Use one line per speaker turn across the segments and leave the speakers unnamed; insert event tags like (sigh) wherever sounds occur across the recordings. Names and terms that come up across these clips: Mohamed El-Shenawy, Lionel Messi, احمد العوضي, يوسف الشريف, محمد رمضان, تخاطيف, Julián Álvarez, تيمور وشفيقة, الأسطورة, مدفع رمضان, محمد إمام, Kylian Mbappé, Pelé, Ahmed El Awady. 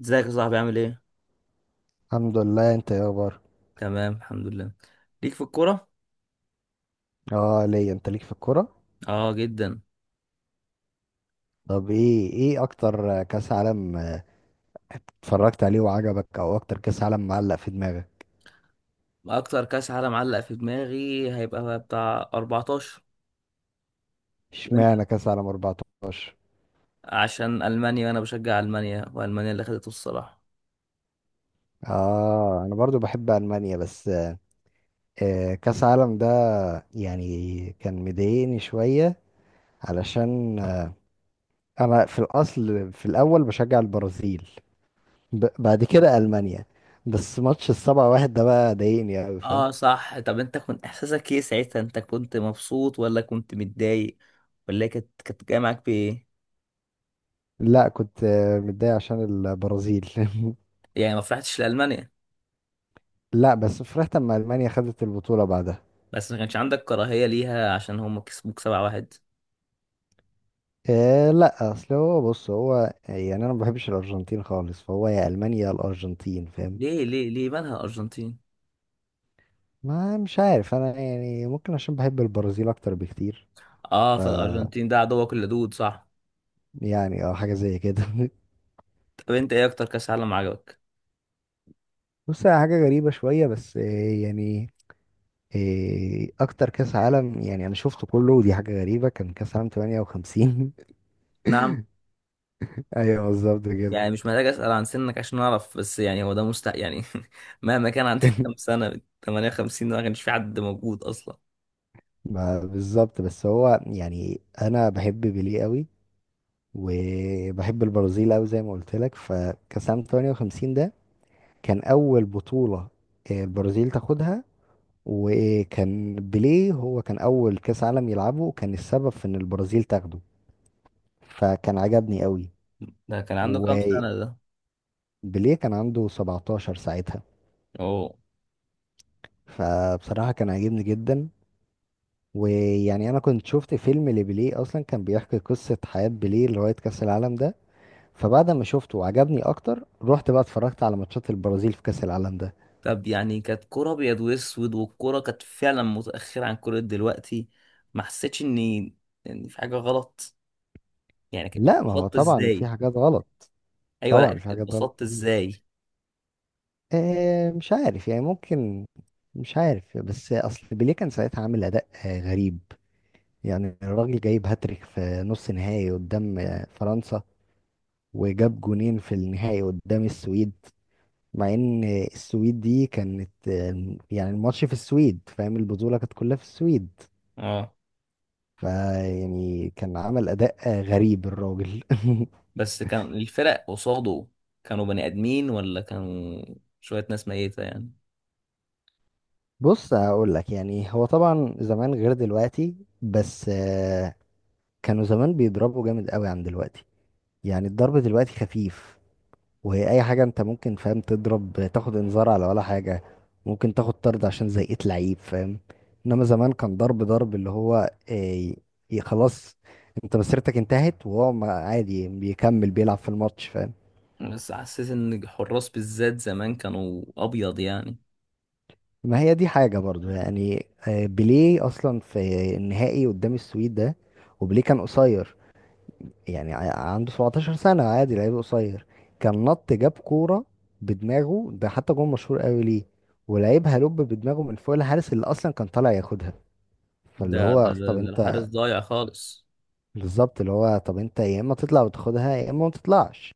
ازيك يا صاحبي، عامل ايه؟
الحمد لله، انت يا اخبار؟
تمام، الحمد لله. ليك في الكورة؟
اه، ليا. انت ليك في الكوره؟
اه جدا.
طب، ايه اكتر كاس عالم اتفرجت عليه وعجبك، او اكتر كاس عالم معلق في دماغك؟
اكتر كاس عالم علق في دماغي هيبقى بتاع 14. وانت؟
اشمعنى كاس عالم 14؟
عشان المانيا، وانا بشجع المانيا، والمانيا اللي خدته الصراحة.
اه، انا برضو بحب المانيا. بس كاس عالم ده، يعني كان مضايقني شويه، علشان انا في الاصل في الاول بشجع البرازيل، بعد كده المانيا. بس ماتش السبعة واحد ده بقى ضايقني قوي، فاهم.
اه صح. طب انت كنت احساسك ايه ساعتها؟ انت كنت مبسوط ولا كنت متضايق؟ ولا هي كانت جايه معاك بايه؟
لا، كنت متضايق عشان البرازيل. (laughs)
يعني ما فرحتش لالمانيا؟
لا، بس فرحت اما المانيا خدت البطوله بعدها.
بس ما كانش عندك كراهية ليها عشان هم كسبوك 7-1؟
إيه، لا، اصل هو، بص، هو يعني انا ما بحبش الارجنتين خالص، فهو يا المانيا يا الارجنتين، فاهم.
ليه ليه ليه مالها الارجنتين؟
ما مش عارف، انا يعني ممكن عشان بحب البرازيل اكتر بكتير.
اه،
ف
فالارجنتين ده عدوك اللدود صح؟
يعني، اه، حاجه زي كده.
طب انت ايه اكتر كاس عالم عجبك؟
(laughs) بص، هي حاجه غريبه شويه، بس إيه يعني؟ إيه اكتر كاس عالم، يعني انا شفته كله، ودي حاجه غريبه، كان كاس عالم 58.
نعم؟
(laughs) ايوه، بالظبط كده.
يعني مش محتاج اسال عن سنك عشان اعرف، بس يعني هو ده مستحيل يعني. (laughs) مهما كان عندك كام
(laughs)
سنه، 58 ده ما كانش في حد موجود اصلا.
ما بالظبط، بس هو يعني انا بحب بيليه قوي، وبحب البرازيل أوي زي ما قلت لك، فكأس عام 58 ده كان أول بطولة البرازيل تاخدها، وكان بيليه هو كان أول كأس عالم يلعبه، وكان السبب في إن البرازيل تاخده، فكان عجبني أوي.
ده كان عنده كام
وبيليه
سنه ده؟
كان عنده 17 ساعتها،
اوه.
فبصراحة كان عاجبني جدا. ويعني أنا كنت شفت فيلم لبيليه أصلا، كان بيحكي قصة حياة بيليه لغاية كأس العالم ده، فبعد ما شفته وعجبني أكتر رحت بقى اتفرجت على ماتشات البرازيل في كأس العالم ده.
طب يعني كانت كرة ابيض واسود، والكرة كانت فعلا متاخره عن كرة دلوقتي. ما حسيتش اني ان في حاجه غلط. يعني
لا، ما هو
اتبسطت
طبعا في
ازاي؟
حاجات غلط.
ايوه، لا
طبعا في حاجات غلط
اتبسطت
كتير.
ازاي؟
مش عارف يعني، ممكن. مش عارف، بس اصل بيليه كان ساعتها عامل اداء غريب. يعني الراجل جايب هاتريك في نص نهائي قدام فرنسا، وجاب جونين في النهائي قدام السويد، مع ان السويد دي كانت يعني الماتش في السويد، فاهم، البطولة كانت كلها في السويد.
اه،
فيعني كان عمل اداء غريب الراجل. (laughs)
بس كان الفرق قصاده كانوا بني ادمين، ولا كانوا شويه ناس ميته يعني؟
بص، هقول لك، يعني هو طبعا زمان غير دلوقتي، بس كانوا زمان بيضربوا جامد قوي عن دلوقتي. يعني الضرب دلوقتي خفيف، وهي اي حاجه انت ممكن، فاهم، تضرب تاخد انذار على ولا حاجه، ممكن تاخد طرد عشان زيقت لعيب، فاهم. انما زمان كان ضرب ضرب اللي هو آه، خلاص، انت مسيرتك انتهت، وهو عادي بيكمل بيلعب في الماتش، فاهم.
بس حسيت ان الحراس بالذات زمان كانوا ابيض يعني.
ما هي دي حاجه برضو، يعني بيليه اصلا في النهائي قدام السويد ده، وبيليه كان قصير، يعني عنده 17 سنة، عادي لعيب قصير، كان نط جاب كورة بدماغه، ده حتى جون مشهور قوي ليه، ولعيبها لوب بدماغه من فوق الحارس اللي اصلا كان طالع ياخدها، فاللي
ده ده
هو
ده,
طب
ده الحارس
انت.
ضايع خالص.
بالظبط، اللي هو طب انت يا اما تطلع وتاخدها يا اما ما تطلعش،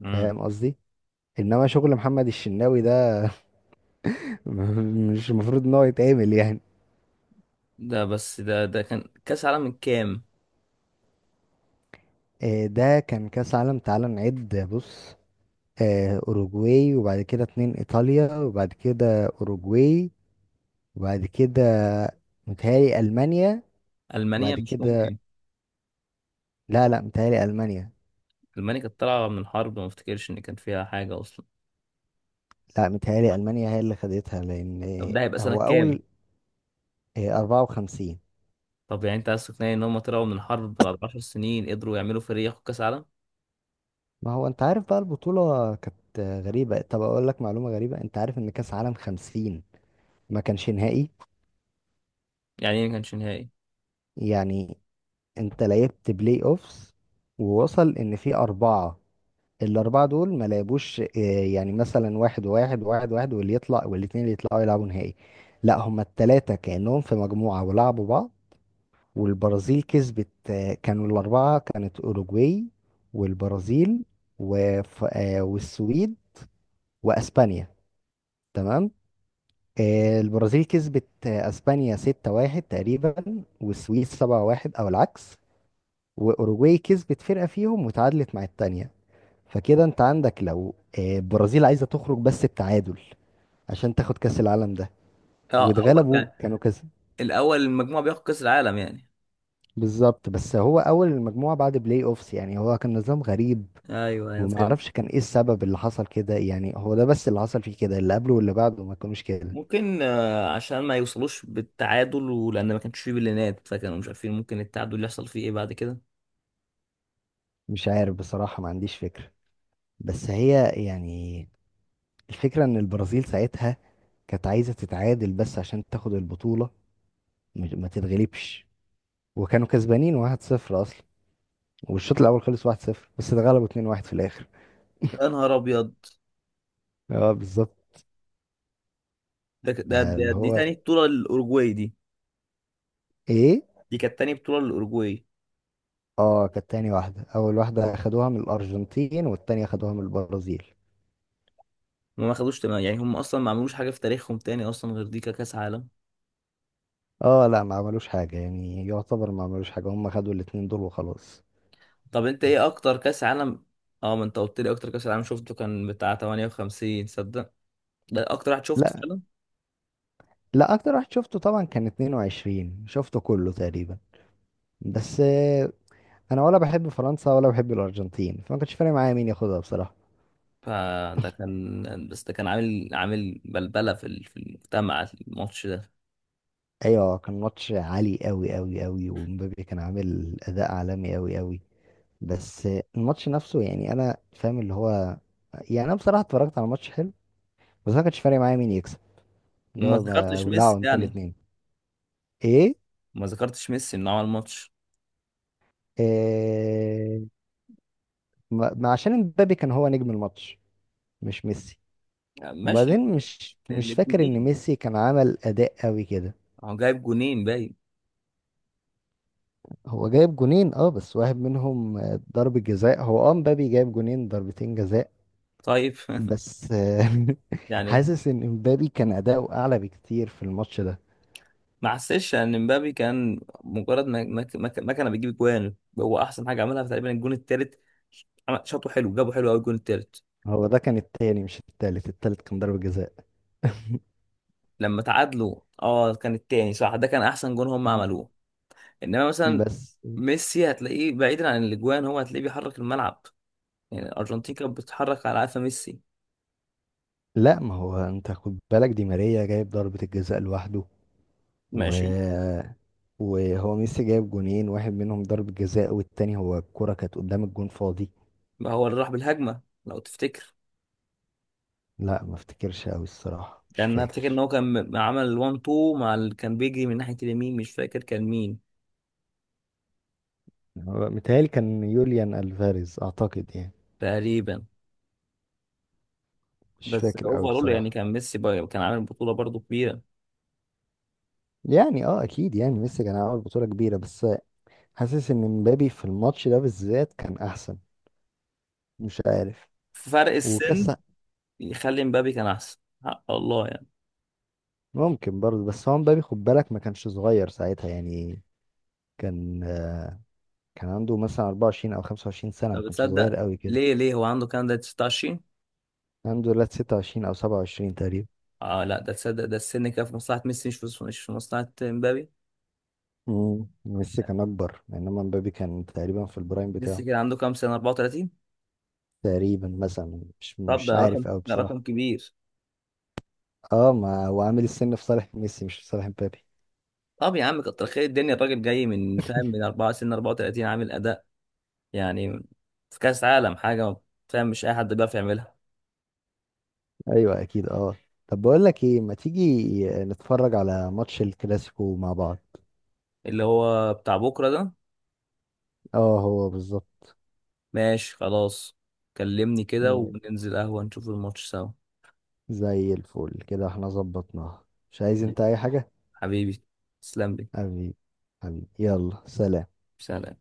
مم.
فاهم قصدي. انما شغل محمد الشناوي ده، (laughs) مش المفروض ان هو يتعمل يعني.
ده بس ده كان كاس عالم من كام؟
ده كان كاس عالم، تعال نعد، بص. اوروجواي، وبعد كده اتنين ايطاليا، وبعد كده اوروجواي، وبعد كده متهيألي ألمانيا.
المانيا
وبعد
مش
كده،
ممكن.
لا لا، متهيألي ألمانيا.
المانيا كانت طالعه من حرب، ما افتكرش ان كان فيها حاجه اصلا.
لا، متهيألي ألمانيا هي اللي خدتها،
طب
لأن
ده هيبقى سنه
هو
كام؟
أول، إيه، 54.
طب يعني انت عايز تقنعني ان هم طلعوا من حرب بعد 10 سنين قدروا يعملوا فريق ياخد كاس عالم؟
ما هو أنت عارف بقى، البطولة كانت غريبة. طب أقول لك معلومة غريبة، أنت عارف إن كأس عالم 50 ما كانش نهائي؟
يعني ايه ما كانش نهائي؟
يعني أنت لعبت بلاي أوفس، ووصل إن في أربعة. الأربعة دول ما لعبوش، إيه، يعني مثلا واحد وواحد، وواحد واحد، واللي يطلع والاتنين اللي يطلعوا يلعبوا نهائي. لا، هما التلاتة كأنهم في مجموعة ولعبوا بعض. والبرازيل كسبت، كانوا الأربعة كانت أوروجواي والبرازيل، وف... آه، والسويد وأسبانيا. تمام. البرازيل كسبت أسبانيا 6-1 تقريبا، والسويد 7-1، أو العكس. وأوروجواي كسبت فرقة فيهم وتعادلت مع التانية، فكده أنت عندك، لو البرازيل عايزة تخرج بس بتعادل عشان تاخد كأس العالم ده،
اه، اول
واتغلبوا
يعني
كانوا كسب.
الاول المجموعه بياخد كاس العالم يعني؟
بالظبط، بس هو أول المجموعة بعد بلاي أوفس، يعني هو كان نظام غريب.
ايوه ايوه،
وما
فهمت.
اعرفش كان ايه السبب اللي حصل كده، يعني هو ده بس اللي حصل فيه كده، اللي قبله واللي بعده ما كانوش كده.
ممكن عشان ما يوصلوش بالتعادل، ولان ما كانش فيه بلينات فكانوا مش عارفين ممكن التعادل اللي يحصل فيه ايه بعد كده.
مش عارف بصراحة، ما عنديش فكرة. بس هي يعني، الفكرة ان البرازيل ساعتها كانت عايزة تتعادل بس عشان تاخد البطولة، ما تتغلبش، وكانوا كسبانين 1-0 اصلا، والشوط الاول خلص 1-0، بس اتغلبوا 2-1 في الاخر.
يا نهار ابيض!
اه، بالظبط. اللي
دي
هو،
تاني بطوله للاوروجواي دي.
ايه.
دي كانت تاني بطوله للاوروجواي.
اه، كانت تاني واحدة. اول واحدة اخدوها من الارجنتين، والتانية اخدوها من البرازيل.
هم ما خدوش تمام، يعني هم اصلا ما عملوش حاجه في تاريخهم تاني اصلا غير دي ككاس عالم.
اه لا، ما عملوش حاجة، يعني يعتبر ما عملوش حاجة، هم خدوا الاتنين دول وخلاص.
طب انت ايه اكتر كاس عالم؟ اه، ما انت قلت لي اكتر كاس عالم شفته كان بتاع 58، صدق؟ ده اكتر واحد شفته
لا
فعلا.
لا، اكتر واحد شفته طبعا كان 22، شفته كله تقريبا. بس انا ولا بحب فرنسا ولا بحب الارجنتين، فما كانش فارق معايا مين ياخدها بصراحة.
فده كان، بس ده كان عامل بلبله في في المجتمع، الماتش ده.
ايوه، كان ماتش عالي قوي قوي قوي، ومبابي كان عامل اداء عالمي قوي قوي. بس الماتش نفسه، يعني انا فاهم اللي هو، يعني انا بصراحة اتفرجت على ماتش حلو، بس ما كانش فارق معايا مين يكسب. اللي
ما
هو،
ذكرتش
بولعوا
ميسي
انتوا
يعني.
الاتنين. ايه.
ما ذكرتش ميسي انه عمل ماتش.
آه، ما عشان امبابي كان هو نجم الماتش، مش ميسي.
ماشي.
وبعدين مش فاكر ان
الاثنين.
ميسي كان عمل اداء قوي كده.
هو جايب جونين باين.
هو جايب جونين، اه، بس واحد منهم ضربة جزاء. هو، اه، امبابي جايب جونين ضربتين جزاء.
طيب. (laughs)
بس (laughs)
يعني
حاسس ان امبابي كان اداؤه اعلى بكتير في الماتش ده.
ما حسيتش ان مبابي كان مجرد ما كان بيجيب جوان. هو احسن حاجه عملها في تقريبا الجون الثالث. شاطه حلو، جابوا حلو قوي الجون الثالث.
هو ده كان التاني مش التالت، التالت كان ضربة جزاء.
لما تعادلوا، اه كان الثاني صح، ده كان احسن جون هم
مم.
عملوه. انما مثلا
بس.
ميسي هتلاقيه بعيدا عن الاجوان، هو هتلاقيه بيحرك الملعب. يعني الارجنتين كانت بتتحرك على قفا ميسي.
لا، ما هو انت خد بالك، دي ماريا جايب ضربة الجزاء لوحده، و
ماشي،
وهو ميسي جايب جونين، واحد منهم ضربة جزاء، والتاني هو الكرة كانت قدام الجون فاضي.
ما هو اللي راح بالهجمه لو تفتكر؟
لا، ما افتكرش قوي الصراحة، مش
كان افتكر ان
فاكر.
هو كان عمل 1 2 مع كان بيجري من ناحيه اليمين، مش فاكر كان مين.
متهيألي كان يوليان ألفاريز أعتقد يعني،
تقريبا.
مش
بس
فاكر قوي
اوفرول يعني
بصراحة.
كان ميسي بقى كان عامل بطوله برضو كبيره.
يعني اه اكيد، يعني ميسي كان عامل بطولة كبيرة، بس حاسس ان مبابي في الماتش ده بالذات كان احسن. مش عارف.
فرق
وكاس.
السن يخلي مبابي كان احسن. حق الله يعني.
ممكن برضه، بس هو مبابي خد بالك ما كانش صغير ساعتها، يعني كان آه، كان عنده مثلا 24 او 25 سنة، ما
طب
كانش صغير
بتصدق؟
قوي كده.
ليه ليه هو عنده كان ده 19؟
الحمد لله 26 او 27 تقريبا.
اه لا، ده تصدق، ده السن كان في مصلحه ميسي، مش في مصلحه مبابي.
ميسي كان اكبر، انما مبابي كان تقريبا في البرايم
ميسي
بتاعه.
كان عنده كام سنه، 34؟
تقريبا مثلا، مش
طب
مش
ده رقم،
عارف قوي
ده
بصراحه.
رقم كبير.
اه، ما هو عامل السن في صالح ميسي، مش في صالح مبابي.
طب يا عم، كتر خير الدنيا، الراجل جاي من، فاهم، من 4، سن 34 عامل اداء يعني في كأس عالم حاجة، ما، فاهم، مش أي حد بيعرف يعملها.
ايوه اكيد، اه. طب بقول لك ايه، ما تيجي نتفرج على ماتش الكلاسيكو مع بعض؟
اللي هو بتاع بكرة ده؟
اه، هو بالظبط.
ماشي خلاص. كلمني كده
مم.
وننزل قهوة نشوف الماتش سوا.
زي الفل كده، احنا ظبطناها. مش عايز انت اي حاجه؟
حبيبي، تسلم لي،
حبيبي. حبيبي يلا سلام.
سلام.